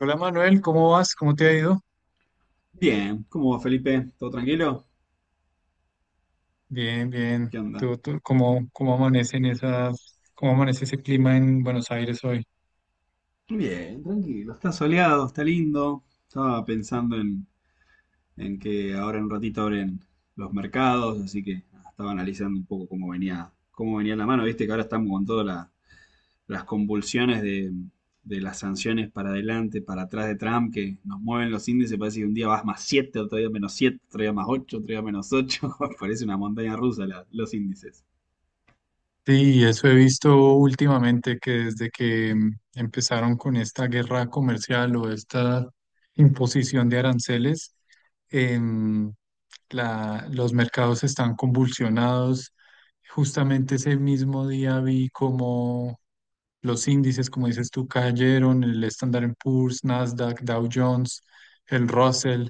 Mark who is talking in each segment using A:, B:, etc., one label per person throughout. A: Hola Manuel, ¿cómo vas? ¿Cómo te ha ido?
B: Bien, ¿cómo va Felipe? ¿Todo tranquilo?
A: Bien, bien.
B: ¿Qué onda?
A: ¿Cómo amanecen esas, cómo amanece ese clima en Buenos Aires hoy?
B: Bien, tranquilo. Está soleado, está lindo. En que ahora en un ratito abren los mercados, así que nada, estaba analizando un poco cómo venía la mano. ¿Viste que ahora estamos con todas las convulsiones de las sanciones para adelante, para atrás de Trump, que nos mueven los índices? Parece que un día vas más 7, otro día menos 7, otro día más 8, otro día menos ocho. Parece una montaña rusa los índices.
A: Sí, eso he visto últimamente que desde que empezaron con esta guerra comercial o esta imposición de aranceles, em, los mercados están convulsionados. Justamente ese mismo día vi los índices, como dices tú, cayeron, el Standard and Poor's, Nasdaq, Dow Jones, el Russell,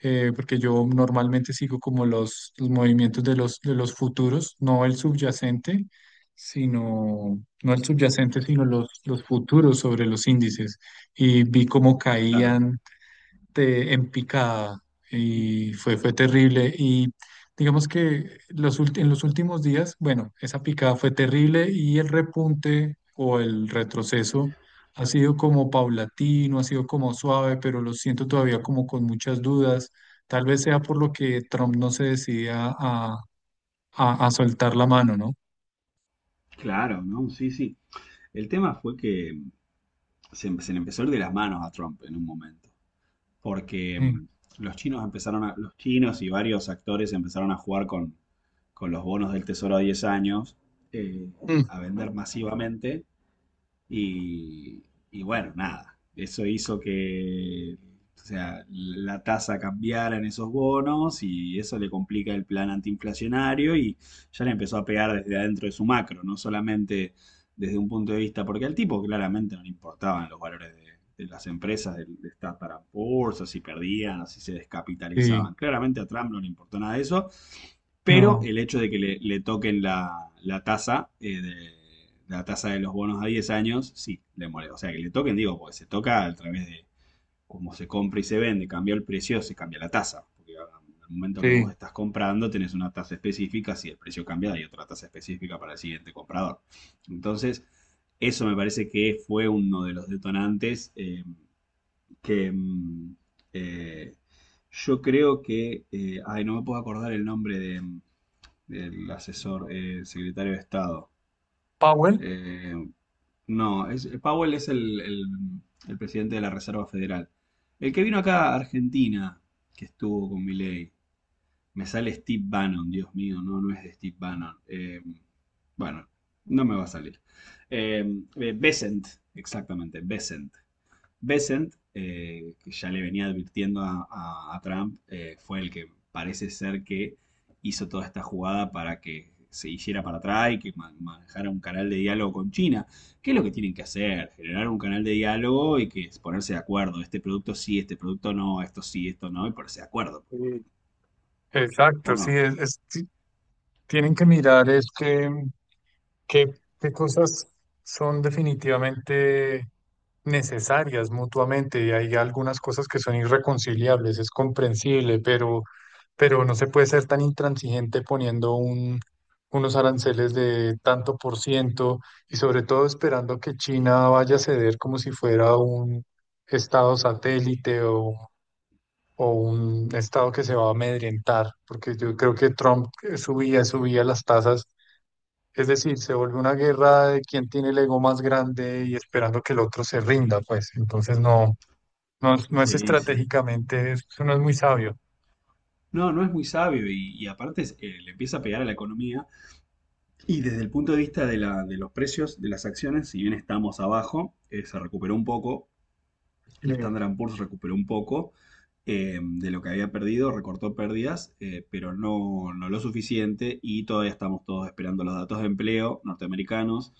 A: porque yo normalmente sigo como los movimientos de de los futuros, no el subyacente, sino, no el subyacente, sino los futuros sobre los índices. Y vi cómo
B: Claro.
A: caían en picada y fue terrible. Y digamos que en los últimos días, bueno, esa picada fue terrible y el repunte o el retroceso ha sido como paulatino, ha sido como suave, pero lo siento todavía como con muchas dudas. Tal vez sea por lo que Trump no se decidía a soltar la mano, ¿no?
B: Claro, ¿no? Sí, sí. El tema fue que se le empezó a ir de las manos a Trump en un momento, porque
A: Sí.
B: los chinos y varios actores empezaron a jugar con los bonos del Tesoro a 10 años, eh,
A: Mm.
B: a vender masivamente y, y bueno, nada, eso hizo que, o sea, la tasa cambiara en esos bonos y eso le complica el plan antiinflacionario y ya le empezó a pegar desde adentro de su macro, no solamente desde un punto de vista, porque al tipo claramente no le importaban de las empresas, de estar para bolsa, si perdían, si se
A: Sí,
B: descapitalizaban. Claramente a Trump no le importó nada de eso, pero
A: no,
B: el hecho de que le toquen la tasa de la tasa de los bonos a 10 años, sí, le molesta. O sea, que le toquen, digo, porque se toca a través de cómo se compra y se vende, cambia el precio, se cambia la tasa. Porque al momento que vos
A: sí.
B: estás comprando, tenés una tasa específica, si el precio cambia, hay otra tasa específica para el siguiente comprador. Entonces, eso me parece que fue uno de los detonantes, que mm, eh, yo creo que, ay, no me puedo acordar el nombre de el asesor, secretario de Estado.
A: Powell.
B: Eh, no, es, Powell es el presidente de la Reserva Federal. El que vino acá a Argentina, que estuvo con Milei, me sale Steve Bannon, Dios mío, no, no es de Steve Bannon. Bueno, no me va a salir. Eh, Besant, exactamente, Besant. Bessent, que ya le venía advirtiendo a Trump. Fue el que parece ser que hizo toda esta jugada para que se hiciera para atrás y que manejara un canal de diálogo con China. ¿Qué es lo que tienen que hacer? Generar un canal de diálogo y que es ponerse de acuerdo. Este producto sí, este producto no, esto sí, esto no, y ponerse de acuerdo.
A: Sí.
B: ¿O
A: Exacto,
B: no?
A: sí, tienen que mirar este. ¿Qué, qué cosas son definitivamente necesarias mutuamente? Y hay algunas cosas que son irreconciliables, es comprensible, pero no se puede ser tan intransigente poniendo unos aranceles de tanto por ciento y sobre todo esperando que China vaya a ceder como si fuera un estado satélite o un estado que se va a amedrentar, porque yo creo que Trump subía las tasas, es decir, se vuelve una guerra de quién tiene el ego más grande y esperando que el otro se rinda, pues. Entonces no es
B: Sí, sí.
A: estratégicamente, eso no es muy sabio.
B: No, no es muy sabio y aparte, le empieza a pegar a la economía. Y desde el punto de vista de, de los precios de las acciones, si bien estamos abajo, se recuperó un poco, el
A: Eh,
B: Standard and Poor's recuperó un poco de lo que había perdido, recortó pérdidas, pero no, no lo suficiente, y todavía estamos todos esperando los datos de empleo norteamericanos,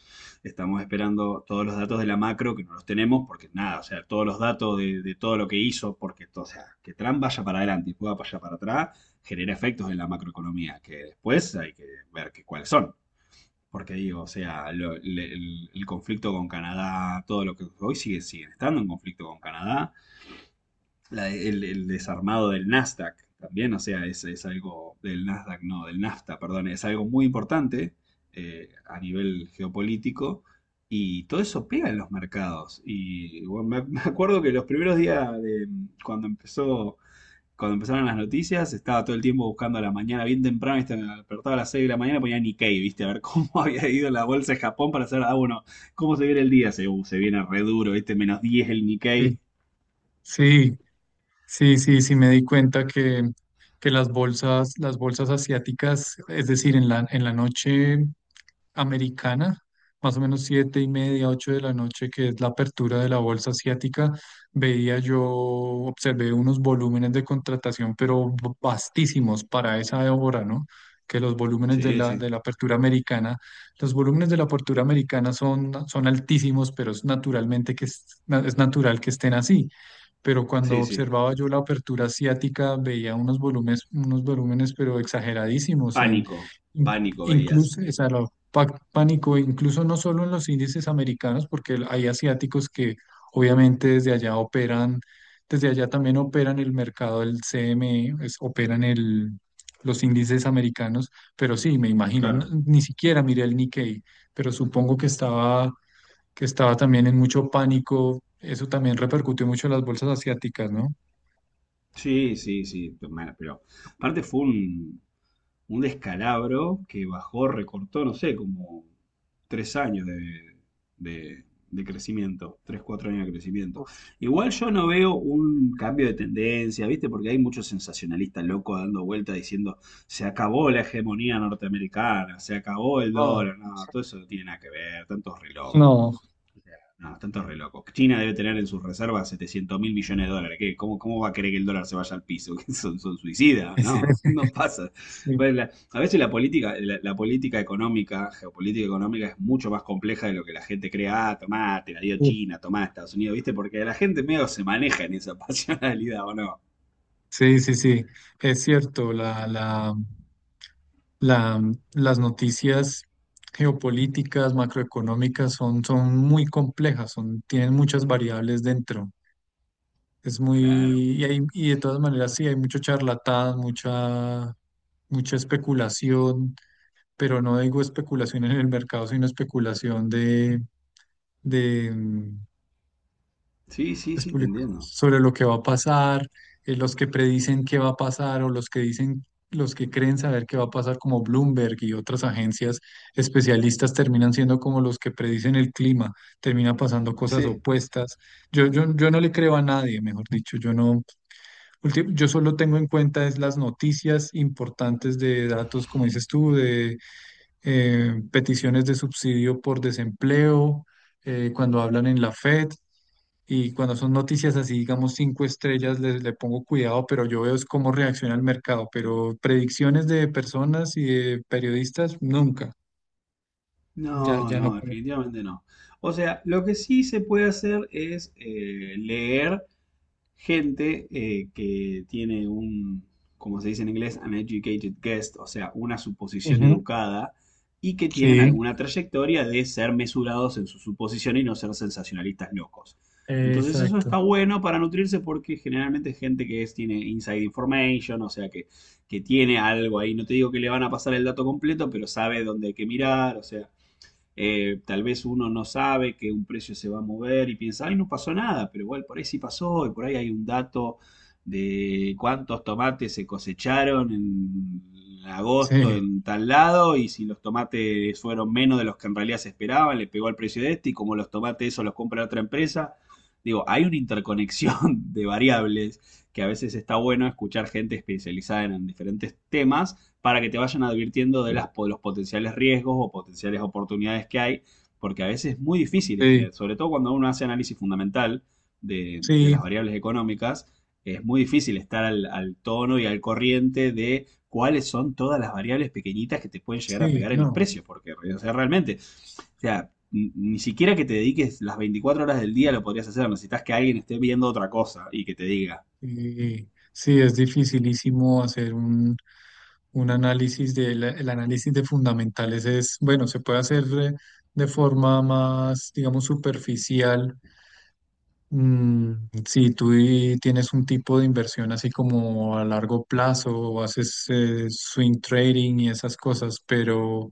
B: estamos esperando todos los datos de la macro, que no los tenemos porque nada, o sea, todos los datos de todo lo que hizo, porque o sea, que Trump vaya para adelante y pueda vaya para atrás, genera efectos en la macroeconomía, que después hay que ver cuáles son. Porque digo, o sea, el conflicto con Canadá, todo lo que hoy sigue, siguen estando en conflicto con Canadá. El desarmado del Nasdaq también, o sea, es algo del Nasdaq, no, del NAFTA, perdón, es algo muy importante a nivel geopolítico, y todo eso pega en los mercados. Y bueno, me acuerdo que los primeros días de cuando empezó, cuando empezaron las noticias, estaba todo el tiempo buscando a la mañana, bien temprano, ¿viste? Me despertaba a las 6 de la mañana, ponía Nikkei, ¿viste? A ver cómo había ido la bolsa de Japón para hacer, ah, bueno, cómo se viene el día. Se, se viene re duro, ¿viste? Menos diez el Nikkei.
A: Sí, sí, sí, sí, sí me di cuenta que las bolsas asiáticas, es decir, en en la noche americana, más o menos siete y media, ocho de la noche, que es la apertura de la bolsa asiática, veía yo, observé unos volúmenes de contratación, pero vastísimos para esa hora, ¿no? Que los volúmenes de
B: Sí, sí,
A: de la apertura americana, los volúmenes de la apertura americana son altísimos, pero es naturalmente que es natural que estén así. Pero cuando
B: sí, sí.
A: observaba yo la apertura asiática, veía unos volúmenes, pero exageradísimos en,
B: Pánico,
A: in-
B: pánico veías.
A: incluso, o sea, pánico, incluso no solo en los índices americanos, porque hay asiáticos que obviamente desde allá operan, desde allá también operan el mercado del CME, operan los índices americanos, pero sí, me imagino,
B: Claro.
A: ni siquiera miré el Nikkei, pero supongo que estaba también en mucho pánico, eso también repercutió mucho en las bolsas asiáticas, ¿no?
B: Sí, sí, sí. Bueno, pero aparte fue un descalabro que bajó, recortó, no sé, como tres años de- de crecimiento, tres, cuatro años de crecimiento.
A: Uf,
B: Igual yo no veo un cambio de tendencia, ¿viste? Porque hay muchos sensacionalistas locos dando vueltas diciendo, se acabó la hegemonía norteamericana, se acabó el
A: no,
B: dólar, no, todo eso no tiene nada que ver, tantos re locos.
A: no.
B: No, tanto re loco. China debe tener en sus reservas 700 mil millones de dólares. ¿Qué? ¿Cómo, cómo va a querer que el dólar se vaya al piso? ¿Que son, son suicidas? No, no pasa.
A: Sí,
B: Bueno, a veces la política, la política económica, geopolítica económica es mucho más compleja de lo que la gente cree. Ah, tomá, te la dio China, tomá Estados Unidos, ¿viste? Porque la gente medio se maneja en esa pasionalidad, ¿o no?
A: sí, sí, sí, es cierto, La, las noticias geopolíticas, macroeconómicas son son muy complejas, son, tienen muchas variables dentro. Es muy,
B: Claro.
A: y, y de todas maneras sí, hay mucho charlatán, mucha, mucha especulación, pero no digo especulación en el mercado, sino especulación de
B: Sí, sí,
A: las
B: sí, te
A: publicaciones
B: entiendo.
A: sobre lo que va a pasar, los que predicen qué va a pasar o los que dicen, los que creen saber qué va a pasar, como Bloomberg y otras agencias especialistas, terminan siendo como los que predicen el clima, termina pasando cosas
B: Sí.
A: opuestas. Yo no le creo a nadie, mejor dicho, yo no, ulti- yo solo tengo en cuenta es las noticias importantes de datos, como dices tú, de peticiones de subsidio por desempleo, cuando hablan en la FED y cuando son noticias así, digamos, cinco estrellas, pongo cuidado, pero yo veo es cómo reacciona el mercado, pero predicciones de personas y de periodistas, nunca, ya,
B: No,
A: ya no
B: no,
A: pongo.
B: definitivamente no. O sea, lo que sí se puede hacer es, leer gente, que tiene un, como se dice en inglés, an educated guest, o sea, una suposición
A: Ujú.
B: educada, y que tienen
A: Sí,
B: alguna trayectoria de ser mesurados en su suposición y no ser sensacionalistas locos. Entonces eso
A: exacto.
B: está bueno para nutrirse, porque generalmente es gente que tiene inside information, o sea que tiene algo ahí. No te digo que le van a pasar el dato completo, pero sabe dónde hay que mirar, o sea, tal vez uno no sabe que un precio se va a mover y piensa, ay, no pasó nada, pero igual por ahí sí pasó, y por ahí hay un dato de cuántos tomates se cosecharon en agosto
A: Sí,
B: en tal lado, y si los tomates fueron menos de los que en realidad se esperaban, le pegó al precio de este, y como los tomates eso los compra otra empresa. Digo, hay una interconexión de variables que a veces está bueno escuchar gente especializada en diferentes temas para que te vayan advirtiendo de de los potenciales riesgos o potenciales oportunidades que hay, porque a veces es muy difícil,
A: sí,
B: este, sobre todo cuando uno hace análisis fundamental de las
A: sí,
B: variables económicas, es muy difícil estar al tono y al corriente de cuáles son todas las variables pequeñitas que te pueden llegar a
A: sí,
B: pegar en los
A: no.
B: precios, porque o sea, realmente, o sea, ni siquiera que te dediques las 24 horas del día lo podrías hacer, necesitas que alguien esté viendo otra cosa y que te diga,
A: Sí, sí, es dificilísimo hacer un análisis de el análisis de fundamentales es, bueno, se puede hacer de forma más, digamos, superficial. Mm, si tú tienes un tipo de inversión así como a largo plazo o haces swing trading y esas cosas,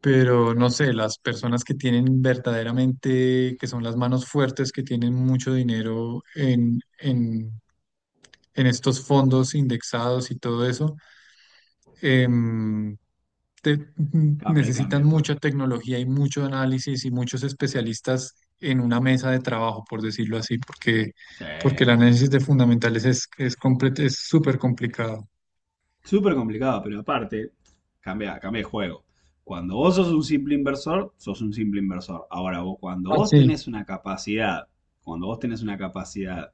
A: pero no sé, las personas que tienen verdaderamente, que son las manos fuertes, que tienen mucho dinero en en estos fondos indexados y todo eso em,
B: ah, pero ahí cambia el
A: necesitan
B: juego.
A: mucha tecnología y mucho análisis y muchos especialistas en una mesa de trabajo, por decirlo así, porque,
B: Sí,
A: porque el análisis de fundamentales es súper complicado.
B: súper complicado, pero aparte, cambia, cambia el juego. Cuando vos sos un simple inversor, sos un simple inversor. Ahora, vos, cuando
A: Ah,
B: vos
A: sí,
B: tenés una capacidad, cuando vos tenés una capacidad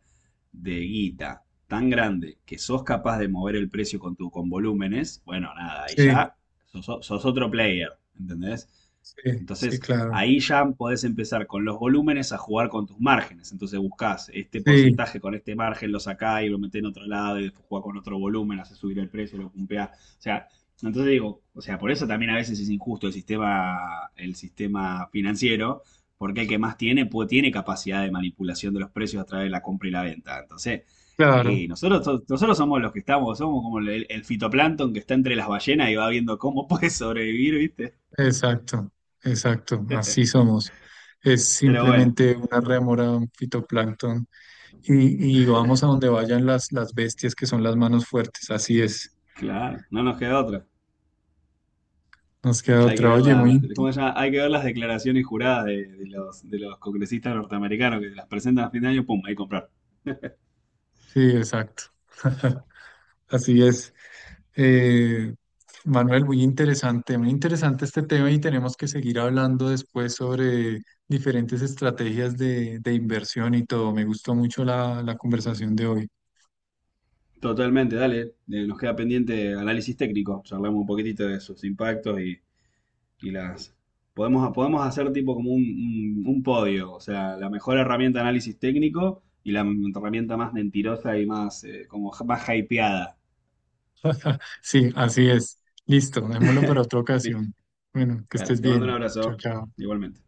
B: de guita tan grande que sos capaz de mover el precio con tu, con volúmenes, bueno, nada, ahí
A: sí,
B: ya sos, sos otro player, ¿entendés?
A: sí, sí,
B: Entonces,
A: claro.
B: ahí ya podés empezar con los volúmenes a jugar con tus márgenes. Entonces buscás este
A: Sí,
B: porcentaje con este margen, lo sacás y lo metés en otro lado y después jugás con otro volumen, haces subir el precio, lo pumpeás. O sea, entonces digo, o sea, por eso también a veces es injusto el sistema financiero, porque el que más tiene, tiene capacidad de manipulación de los precios a través de la compra y la venta. Entonces,
A: claro,
B: nosotros, nosotros somos los que estamos, somos como el fitoplancton que está entre las ballenas y va viendo cómo puede sobrevivir, ¿viste?
A: exacto, exacto, así somos. Es
B: Pero bueno.
A: simplemente una rémora, un fitoplancton, y vamos a donde vayan las bestias que son las manos fuertes, así es.
B: Claro, no nos queda otra.
A: Nos queda
B: Hay que
A: otra.
B: ver
A: Oye, muy
B: las, ¿cómo se llama? Hay que ver las declaraciones juradas de de los congresistas norteamericanos que las presentan a fin de año, pum, ahí comprar.
A: sí, exacto. Así es. Eh, Manuel, muy interesante este tema y tenemos que seguir hablando después sobre diferentes estrategias de inversión y todo. Me gustó mucho la conversación de hoy.
B: Totalmente, dale. Nos queda pendiente análisis técnico. Charlamos un poquitito de sus impactos y las... Podemos, podemos hacer tipo como un, un podio, o sea, la mejor herramienta de análisis técnico y la herramienta más mentirosa y más, como más hypeada.
A: Sí, así es. Listo, dejémoslo para otra
B: Listo,
A: ocasión. Bueno, que
B: dale.
A: estés
B: Te mando un
A: bien. Chao,
B: abrazo,
A: chao.
B: igualmente.